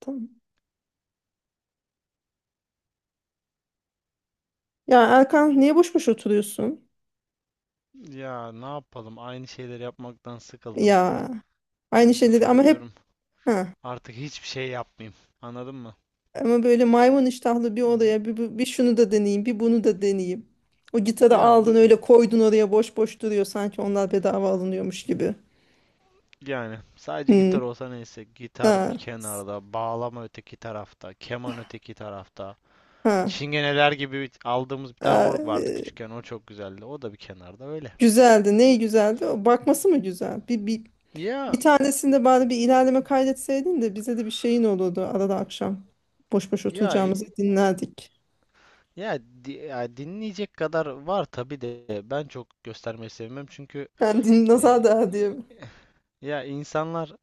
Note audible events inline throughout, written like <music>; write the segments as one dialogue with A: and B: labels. A: Tamam. Ya Erkan niye boş boş oturuyorsun?
B: Ya, ne yapalım? Aynı şeyleri yapmaktan sıkıldım.
A: Ya aynı
B: Bu
A: şeyleri
B: sefer
A: ama hep
B: diyorum
A: ha
B: artık hiçbir şey yapmayayım. Anladın mı?
A: ama böyle maymun iştahlı bir
B: Hı hı.
A: odaya bir şunu da deneyeyim bir bunu da deneyeyim. O gitarı
B: Ya
A: aldın
B: bu,
A: öyle koydun oraya boş boş duruyor sanki onlar bedava alınıyormuş gibi.
B: yani sadece
A: Hmm.
B: gitar olsa neyse. Gitar bir
A: Ha,
B: kenarda, bağlama öteki tarafta, keman öteki tarafta.
A: ha.
B: Çingeneler gibi aldığımız bir tane
A: Ha,
B: org vardı küçükken. O çok güzeldi. O da bir kenarda öyle.
A: güzeldi. Ne güzeldi? O bakması mı güzel?
B: Ya
A: Bir tanesinde bari bir ilerleme kaydetseydin de bize de bir şeyin olurdu arada akşam. Boş boş
B: ya
A: oturacağımızı
B: e,
A: dinlerdik.
B: ya, ya dinleyecek kadar var tabii de ben çok göstermeyi sevmem çünkü
A: Yani nazar
B: e,
A: değer diye.
B: ya insanlar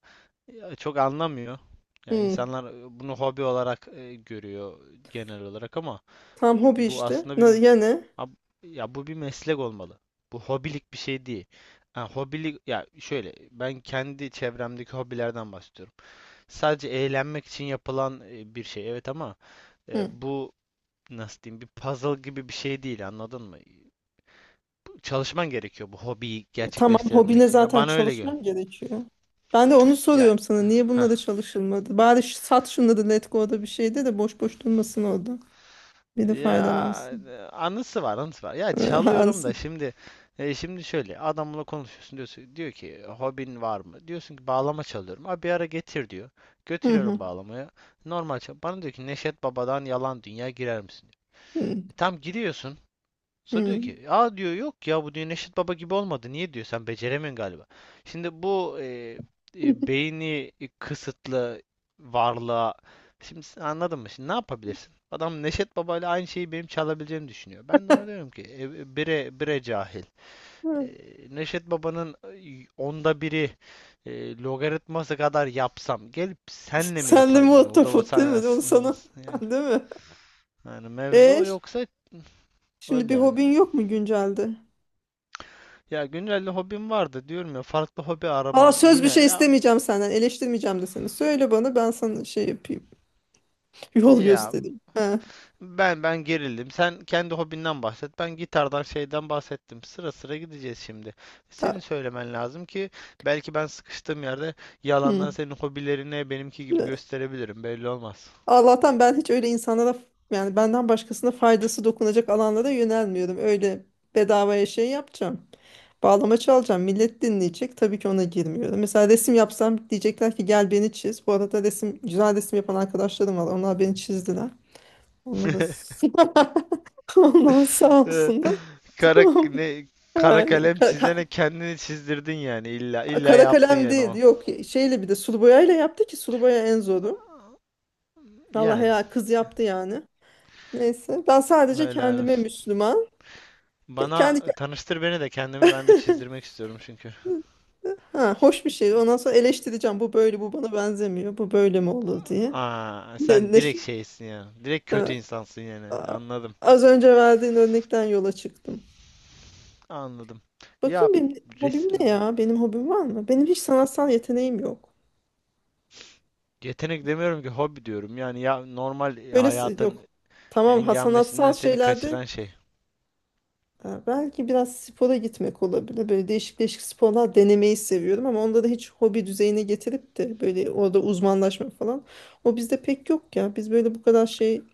B: ya çok anlamıyor. Yani
A: Hmm.
B: insanlar bunu hobi olarak görüyor genel olarak ama
A: Tam hobi
B: bu
A: işte.
B: aslında bir
A: Ya ne?
B: ab- ya bu bir meslek olmalı. Bu hobilik bir şey değil. Ha, hobilik ya şöyle, ben kendi çevremdeki hobilerden bahsediyorum. Sadece eğlenmek için yapılan bir şey, evet, ama
A: Hı.
B: bu nasıl diyeyim, bir puzzle gibi bir şey değil, anladın mı? Çalışman gerekiyor bu hobiyi
A: Tamam,
B: gerçekleştirebilmek
A: hobine
B: için. Ya
A: zaten
B: bana öyle geliyor.
A: çalışmam gerekiyor. Ben de onu
B: Ya
A: soruyorum sana. Niye bununla da çalışılmadı? Bari sat şunları Letgo'da, bir şeyde de boş boş durmasın orada. Biri
B: Ya
A: faydalansın.
B: e, anısı var, anısı var. Ya çalıyorum da
A: Alsın.
B: şimdi şöyle adamla konuşuyorsun, diyorsun diyor ki hobin var mı? Diyorsun ki bağlama çalıyorum. Abi bir ara getir diyor.
A: Hı hı.
B: Götürüyorum bağlamayı. Normal çal. Bana diyor ki Neşet Baba'dan Yalan Dünya girer misin?
A: Hı
B: Tam giriyorsun. Sonra diyor
A: hı.
B: ki aa, diyor, yok ya bu, diyor, Neşet Baba gibi olmadı. Niye, diyor, sen beceremiyorsun galiba. Şimdi bu beyni kısıtlı varlığa şimdi sen anladın mı? Şimdi ne yapabilirsin? Adam Neşet Baba ile aynı şeyi benim çalabileceğimi düşünüyor. Ben de ona diyorum ki bire bire cahil. E,
A: Hı. <laughs>
B: Neşet Baba'nın onda biri logaritması kadar yapsam, gelip senle mi
A: Sen de
B: yaparım yani? Burada
A: muhtafut
B: sen,
A: değil mi? Onu sana. <laughs>
B: yani,
A: Değil mi?
B: yani mevzu
A: E, ş-
B: yoksa,
A: şimdi
B: öyle
A: bir
B: yani.
A: hobin yok mu güncelde?
B: Ya güncelde hobim vardı diyorum ya, farklı hobi
A: Aa,
B: arama
A: söz,
B: yine
A: bir şey
B: ya,
A: istemeyeceğim senden. Eleştirmeyeceğim de seni. Söyle bana, ben sana şey yapayım. <laughs> Yol
B: ya
A: göstereyim. Ha,
B: ben gerildim. Sen kendi hobinden bahset. Ben gitardan şeyden bahsettim. Sıra sıra gideceğiz şimdi. Senin
A: ta-
B: söylemen lazım ki belki ben sıkıştığım yerde yalandan
A: hı.
B: senin hobilerini benimki gibi gösterebilirim. Belli olmaz.
A: Allah'tan ben hiç öyle insanlara, yani benden başkasına faydası dokunacak alanlara yönelmiyorum. Öyle bedavaya şey yapacağım. Bağlama çalacağım. Millet dinleyecek. Tabii ki ona girmiyorum. Mesela resim yapsam diyecekler ki gel beni çiz. Bu arada resim, güzel resim yapan arkadaşlarım var. Onlar beni çizdiler. Onlar da
B: <laughs>
A: <laughs> onlar sağ olsunlar. <laughs>
B: Kara
A: Tamam.
B: ne kara
A: Aynen.
B: kalem çizene kendini çizdirdin, yani illa illa
A: Kara
B: yaptın
A: kalem
B: yani
A: değil.
B: o.
A: Yok, şeyle, bir de sulu boyayla yaptı ki sulu boya en zoru. Vallahi
B: Yani
A: ya, kız yaptı yani. Neyse, ben sadece
B: helal
A: kendime
B: olsun.
A: Müslüman. Ke- Kendi ke-
B: Bana tanıştır, beni de kendimi ben de çizdirmek istiyorum çünkü.
A: ha, hoş bir şey. Ondan sonra eleştireceğim. Bu böyle, bu bana benzemiyor. Bu böyle mi olur diye.
B: Aa, sen
A: Ne, ne,
B: direkt
A: şey-
B: şeysin ya. Direkt kötü
A: ha,
B: insansın yani.
A: a-
B: Anladım.
A: az önce verdiğin örnekten yola çıktım.
B: Anladım. Ya
A: Bakayım benim hobim
B: res
A: ne ya? Benim hobim var mı? Benim hiç sanatsal yeteneğim yok.
B: yetenek demiyorum ki, hobi diyorum. Yani ya normal
A: Öyle yok.
B: hayatın
A: Tamam, ha, sanatsal
B: engelmesinden seni
A: şeylerde
B: kaçıran şey.
A: ha, belki biraz spora gitmek olabilir. Böyle değişik değişik sporlar denemeyi seviyorum ama onda da hiç hobi düzeyine getirip de böyle orada uzmanlaşma falan. O bizde pek yok ya. Biz böyle bu kadar şey,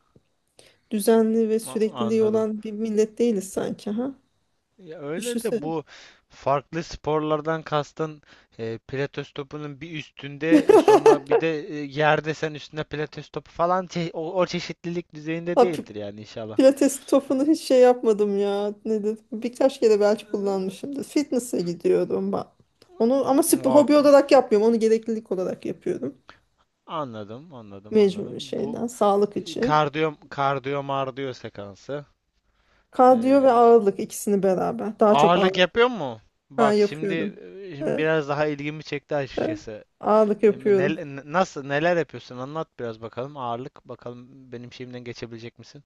A: düzenli ve
B: A-
A: sürekliliği
B: anladım.
A: olan bir millet değiliz sanki, ha.
B: Ya öyle de
A: Düşünsene.
B: bu farklı sporlardan kastın pilates topunun bir üstünde,
A: <laughs>
B: sonra bir de yerde sen üstünde pilates topu falan, o çeşitlilik düzeyinde
A: Ha,
B: değildir yani inşallah.
A: pilates topunu hiç şey yapmadım ya. Nedir? Birkaç kere belki
B: Ee,
A: kullanmışımdır. Fitness'e gidiyordum bak. Onu ama spor,
B: O,
A: hobi olarak yapmıyorum. Onu gereklilik olarak yapıyorum.
B: anladım, anladım,
A: Mecbur
B: anladım. Bu
A: şeyden, sağlık için.
B: kardiyo mardiyo sekansı.
A: Kardiyo ve
B: Ee,
A: ağırlık, ikisini beraber. Daha çok
B: ağırlık
A: ağırlık.
B: yapıyor mu?
A: Ha,
B: Bak şimdi,
A: yapıyordum.
B: şimdi
A: Evet,
B: biraz daha ilgimi çekti
A: evet.
B: açıkçası.
A: Ağırlık
B: E,
A: yapıyordum.
B: nel- nasıl neler yapıyorsun? Anlat biraz bakalım. Ağırlık bakalım, benim şeyimden geçebilecek misin?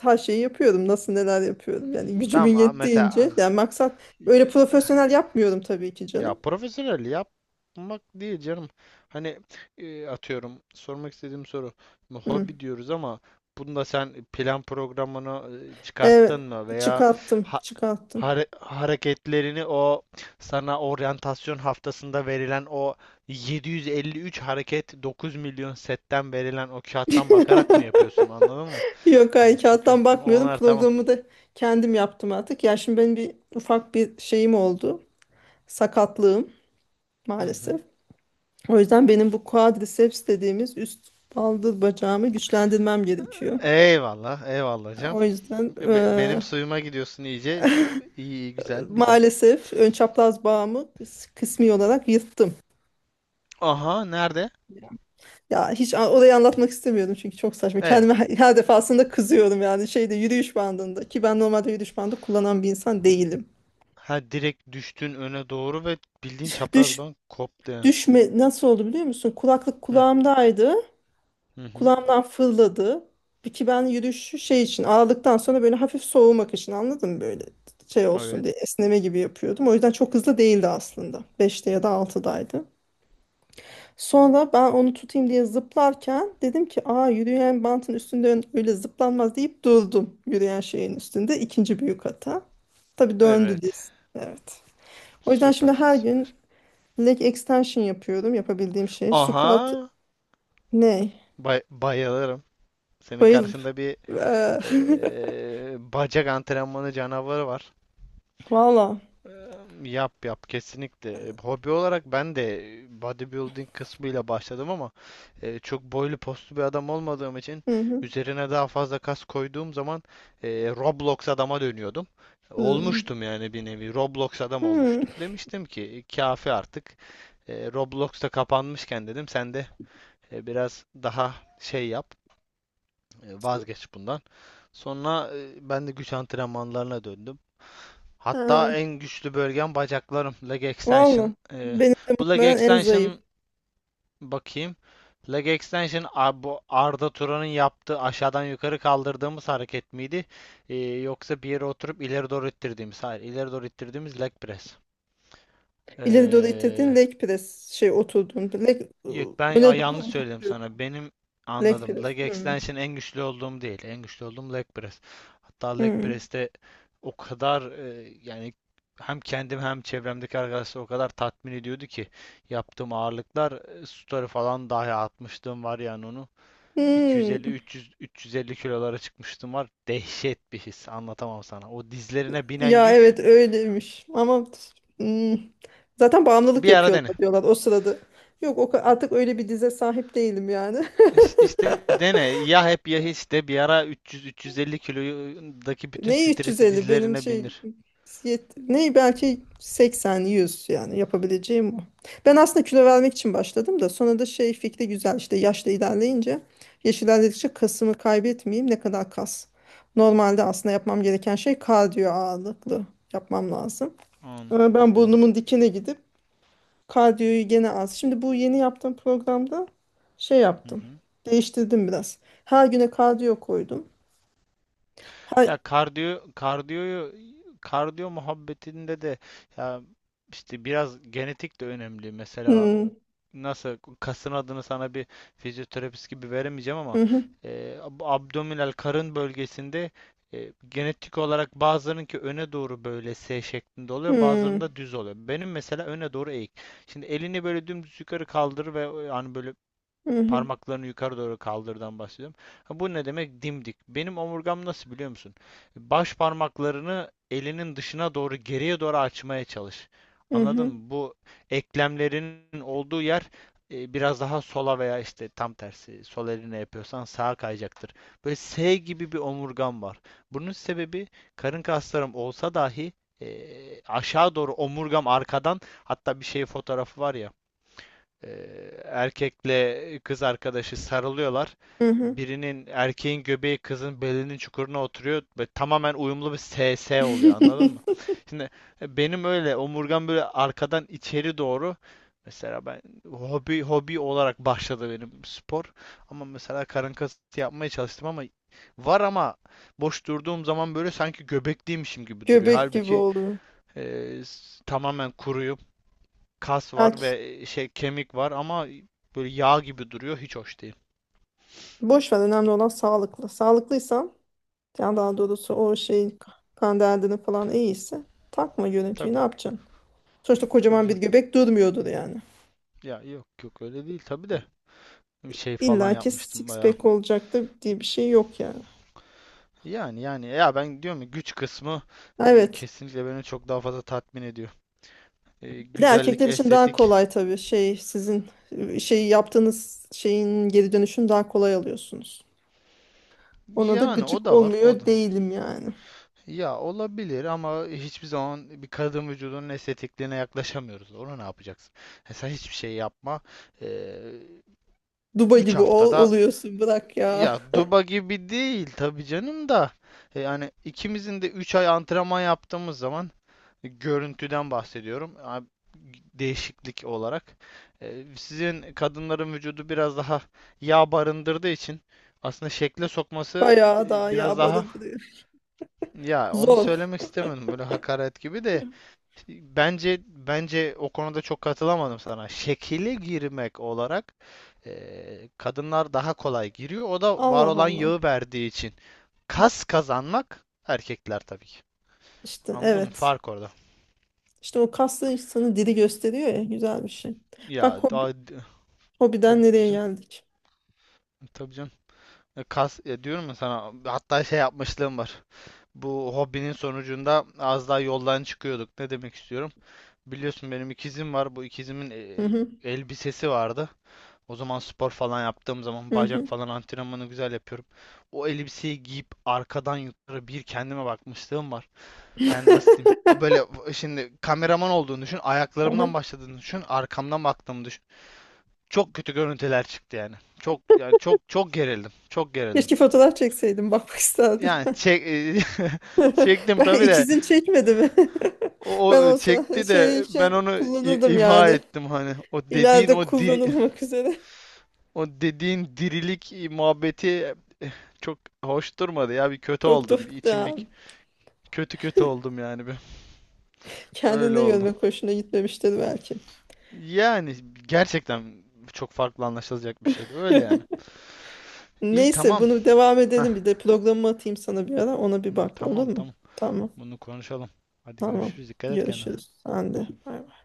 A: Her şeyi yapıyordum. Nasıl, neler yapıyordum. Yani
B: Tamam,
A: gücümün
B: mesela,
A: yettiğince. Yani maksat, öyle profesyonel yapmıyorum tabii ki
B: ya
A: canım.
B: profesyonel yapmak değil canım. Hani atıyorum, sormak istediğim soru. Şimdi
A: Hı.
B: hobi diyoruz ama bunda sen plan programını çıkarttın
A: Evet.
B: mı veya
A: Çıkarttım.
B: ha-
A: Çıkarttım.
B: hare- hareketlerini o sana oryantasyon haftasında verilen o 753 hareket 9 milyon setten verilen o kağıttan bakarak mı yapıyorsun,
A: <laughs>
B: anladın mı?
A: Yok,
B: Hani
A: hayır,
B: çünkü
A: kağıttan bakmıyorum.
B: onlar, tamam.
A: Programı da kendim yaptım artık. Ya şimdi benim bir ufak bir şeyim oldu. Sakatlığım
B: Hı hı.
A: maalesef. O yüzden benim bu quadriceps dediğimiz üst baldır bacağımı güçlendirmem gerekiyor.
B: Eyvallah, eyvallah canım.
A: O yüzden,
B: Be- benim suyuma gidiyorsun iyice. İyi, iyi, güzel, güzel.
A: maalesef ön çapraz bağımı kısmi olarak yırttım.
B: Aha, nerede?
A: Ya hiç orayı anlatmak istemiyorum çünkü çok saçma.
B: Eyvah.
A: Kendime her defasında kızıyorum yani, şeyde, yürüyüş bandında ki ben normalde yürüyüş bandı kullanan bir insan değilim.
B: Ha, direkt düştün öne doğru ve bildiğin çapraz
A: Düş
B: bank koptu yani.
A: düşme nasıl oldu biliyor musun? Kulaklık
B: Hı
A: kulağımdaydı.
B: hı. Hı.
A: Kulağımdan fırladı. Bir, ki ben yürüyüşü şey için, ağırlıktan sonra böyle hafif soğumak için, anladın mı, böyle şey olsun
B: Evet.
A: diye esneme gibi yapıyordum. O yüzden çok hızlı değildi aslında. Beşte ya da altıdaydı. Sonra ben onu tutayım diye zıplarken dedim ki aa, yürüyen bantın üstünde öyle zıplanmaz deyip durdum yürüyen şeyin üstünde. İkinci büyük hata. Tabii döndü
B: Evet.
A: diz. Evet. O yüzden şimdi
B: Süper,
A: her
B: süper.
A: gün leg extension yapıyorum, yapabildiğim şey. Squat
B: Aha.
A: ne?
B: Bayılırım. Senin
A: Bayıl.
B: karşında bir
A: Eee,
B: bacak antrenmanı canavarı var.
A: <laughs> Valla.
B: Yap yap kesinlikle. Hobi olarak ben de bodybuilding kısmıyla başladım ama çok boylu postlu bir adam olmadığım için,
A: Hı hı.
B: üzerine daha fazla kas koyduğum zaman Roblox adama dönüyordum.
A: Hı.
B: Olmuştum yani, bir nevi Roblox adam
A: Hı.
B: olmuştum. Demiştim ki kafi artık. Roblox da kapanmışken dedim sen de biraz daha şey yap. Vazgeç bundan. Sonra ben de güç antrenmanlarına döndüm. Hatta
A: Ha.
B: en güçlü bölgem bacaklarım. Leg extension.
A: Vallahi
B: E,
A: benim de
B: bu leg
A: muhtemelen en zayıf.
B: extension, bakayım. Leg extension bu Arda Turan'ın yaptığı aşağıdan yukarı kaldırdığımız hareket miydi? Yoksa bir yere oturup ileri doğru ittirdiğimiz. Hayır, ileri doğru ittirdiğimiz leg press.
A: İleri doğru
B: E,
A: itirdiğin leg press, şey, oturduğun leg
B: Yok ben
A: öne doğru
B: yanlış söyledim
A: uzatıyor.
B: sana. Benim
A: Leg
B: anladım.
A: press.
B: Leg
A: Hı.
B: extension en güçlü olduğum değil. En güçlü olduğum leg press. Hatta leg
A: Hı.
B: press'te o kadar, yani hem kendim hem çevremdeki arkadaşlar o kadar tatmin ediyordu ki yaptığım ağırlıklar, story falan dahi atmıştım var yani onu.
A: Hı.
B: 250 300 350 kilolara çıkmıştım var. Dehşet bir his. Anlatamam sana. O dizlerine binen
A: Ya evet,
B: yük,
A: öyleymiş ama hı. Zaten bağımlılık
B: bir ara dene.
A: yapıyorlar diyorlar o sırada. Yok, o artık öyle bir dize sahip değilim yani.
B: İşte
A: <laughs>
B: dene, ya hep ya hiç, de bir ara 300-350 kilodaki bütün
A: Neyi, ne
B: stresi
A: 350, benim
B: dizlerine
A: şey
B: bindir.
A: ne, belki 80 100, yani yapabileceğim o. Ben aslında kilo vermek için başladım da sonra da şey, fikri güzel işte, yaşla ilerleyince, yaş ilerledikçe kasımı kaybetmeyeyim, ne kadar kas. Normalde aslında yapmam gereken şey kardiyo ağırlıklı yapmam lazım.
B: An-
A: Ama ben
B: doğru.
A: burnumun dikine gidip kardiyoyu gene az. Şimdi bu yeni yaptığım programda şey
B: Hı
A: yaptım.
B: hı.
A: Değiştirdim biraz. Her güne kardiyo koydum.
B: Ya
A: Her,
B: kardiyo kardiyoyu kardiyo muhabbetinde de, ya işte biraz genetik de önemli. Mesela
A: hmm,
B: nasıl, kasın adını sana bir fizyoterapist gibi veremeyeceğim ama
A: hı hı,
B: e, abdominal karın bölgesinde, genetik olarak bazılarınınki öne doğru böyle S şeklinde oluyor,
A: hmm.
B: bazılarında düz oluyor. Benim mesela öne doğru eğik. Şimdi elini böyle dümdüz yukarı kaldır ve, yani böyle
A: Hı hı,
B: parmaklarını yukarı doğru kaldırdan bahsediyorum. Ha, bu ne demek? Dimdik. Benim omurgam nasıl biliyor musun? Baş parmaklarını elinin dışına doğru geriye doğru açmaya çalış.
A: hı
B: Anladın
A: hı,
B: mı? Bu eklemlerinin olduğu yer biraz daha sola veya işte tam tersi, sol eline yapıyorsan sağa kayacaktır. Böyle S gibi bir omurgam var. Bunun sebebi, karın kaslarım olsa dahi e, aşağı doğru omurgam arkadan, hatta bir şey, fotoğrafı var ya, e, erkekle kız arkadaşı sarılıyorlar.
A: hı hı.
B: Birinin, erkeğin göbeği kızın belinin çukuruna oturuyor ve tamamen uyumlu bir SS oluyor, anladın mı?
A: <laughs>
B: Şimdi benim öyle omurgam böyle arkadan içeri doğru, mesela ben hobi olarak başladı benim spor, ama mesela karın kası yapmaya çalıştım, ama var, ama boş durduğum zaman böyle sanki göbekliymişim gibi duruyor.
A: Göbek gibi
B: Halbuki
A: oluyor.
B: tamamen kuruyum, kas var
A: Belki
B: ve şey, kemik var ama böyle yağ gibi duruyor. Hiç hoş değil.
A: boş ver, önemli olan sağlıklı. Sağlıklıysan, yani daha doğrusu o şey, kan derdini falan iyiyse takma görüntüyü, ne
B: Tabii.
A: yapacaksın? Sonuçta
B: Tabii
A: kocaman bir
B: canım.
A: göbek durmuyordur yani.
B: Ya yok yok öyle değil tabii de, bir şey falan
A: İlla ki
B: yapmıştım
A: six
B: bayağı.
A: pack olacaktır diye bir şey yok yani.
B: Yani, ya ben diyorum ya, güç kısmı
A: Evet.
B: kesinlikle beni çok daha fazla tatmin ediyor. E,
A: Bir de
B: güzellik,
A: erkekler için daha
B: estetik,
A: kolay tabii, şey, sizin şey yaptığınız şeyin geri dönüşünü daha kolay alıyorsunuz. Ona da
B: yani o
A: gıcık
B: da var o da.
A: olmuyor değilim yani.
B: Ya olabilir ama hiçbir zaman bir kadın vücudunun estetikliğine yaklaşamıyoruz. Ona ne yapacaksın? Sen hiçbir şey yapma. E,
A: Duba
B: üç 3
A: gibi
B: haftada.
A: oluyorsun, bırak ya.
B: Ya, Duba gibi değil tabii canım da. Yani ikimizin de 3 ay antrenman yaptığımız zaman, görüntüden bahsediyorum. Değişiklik olarak. Sizin kadınların vücudu biraz daha yağ barındırdığı için aslında şekle sokması
A: Bayağı daha
B: biraz daha,
A: yağmalı duruyor.
B: ya onu
A: Zor.
B: söylemek istemedim böyle hakaret gibi de. Bence o konuda çok katılamadım sana. Şekile girmek olarak kadınlar daha kolay giriyor. O da var
A: Allah
B: olan
A: Allah.
B: yağı verdiği için. Kas kazanmak, erkekler tabii ki.
A: İşte
B: Anladın mı?
A: evet.
B: Fark orada.
A: İşte o kaslı insanı diri gösteriyor ya, güzel bir şey.
B: Ya
A: Bak hobi,
B: daha,
A: hobiden
B: tabii
A: nereye
B: canım,
A: geldik.
B: tabii canım. Kas, diyorum ya sana, hatta şey yapmışlığım var. Bu hobinin sonucunda az daha yoldan çıkıyorduk. Ne demek istiyorum? Biliyorsun benim ikizim var. Bu ikizimin
A: Hı hı,
B: elbisesi vardı. O zaman spor falan yaptığım zaman,
A: hı
B: bacak
A: hı.
B: falan antrenmanı güzel yapıyorum. O elbiseyi giyip arkadan yukarı bir kendime bakmışlığım var. Yani nasıl diyeyim? A, böyle
A: <laughs>
B: şimdi kameraman olduğunu düşün,
A: Aha.
B: ayaklarımdan başladığını düşün, arkamdan baktığımı düşün. Çok kötü görüntüler çıktı yani. Çok, yani çok çok gerildim. Çok gerildim.
A: Keşke fotoğraf çekseydim, bakmak isterdim.
B: Yani çek. <laughs>
A: <laughs>
B: Çektim
A: Ben,
B: tabii de
A: ikizin çekmedi mi?
B: o,
A: <laughs> Ben
B: o
A: olsa
B: çekti
A: şey
B: de ben
A: için
B: onu i-
A: kullanırdım
B: imha
A: yani.
B: ettim hani. O dediğin
A: İleride
B: o diri,
A: kullanılmak üzere.
B: o dediğin dirilik muhabbeti çok hoş durmadı ya. Bir kötü
A: Çok
B: oldum. Bir
A: tuhaf
B: içim bir
A: da.
B: kötü kötü oldum yani, bir. Öyle
A: Kendinde
B: oldu.
A: görmek hoşuna gitmemiştir belki.
B: Yani gerçekten çok farklı anlaşılacak bir şeydi. Öyle yani.
A: <laughs>
B: İyi,
A: Neyse,
B: tamam.
A: bunu devam
B: Hah.
A: edelim, bir de programımı atayım sana, bir ara ona bir bak, olur
B: Tamam,
A: mu?
B: tamam.
A: Tamam,
B: Bunu konuşalım. Hadi
A: tamam,
B: görüşürüz. Dikkat et kendine.
A: görüşürüz, sen de bay bay.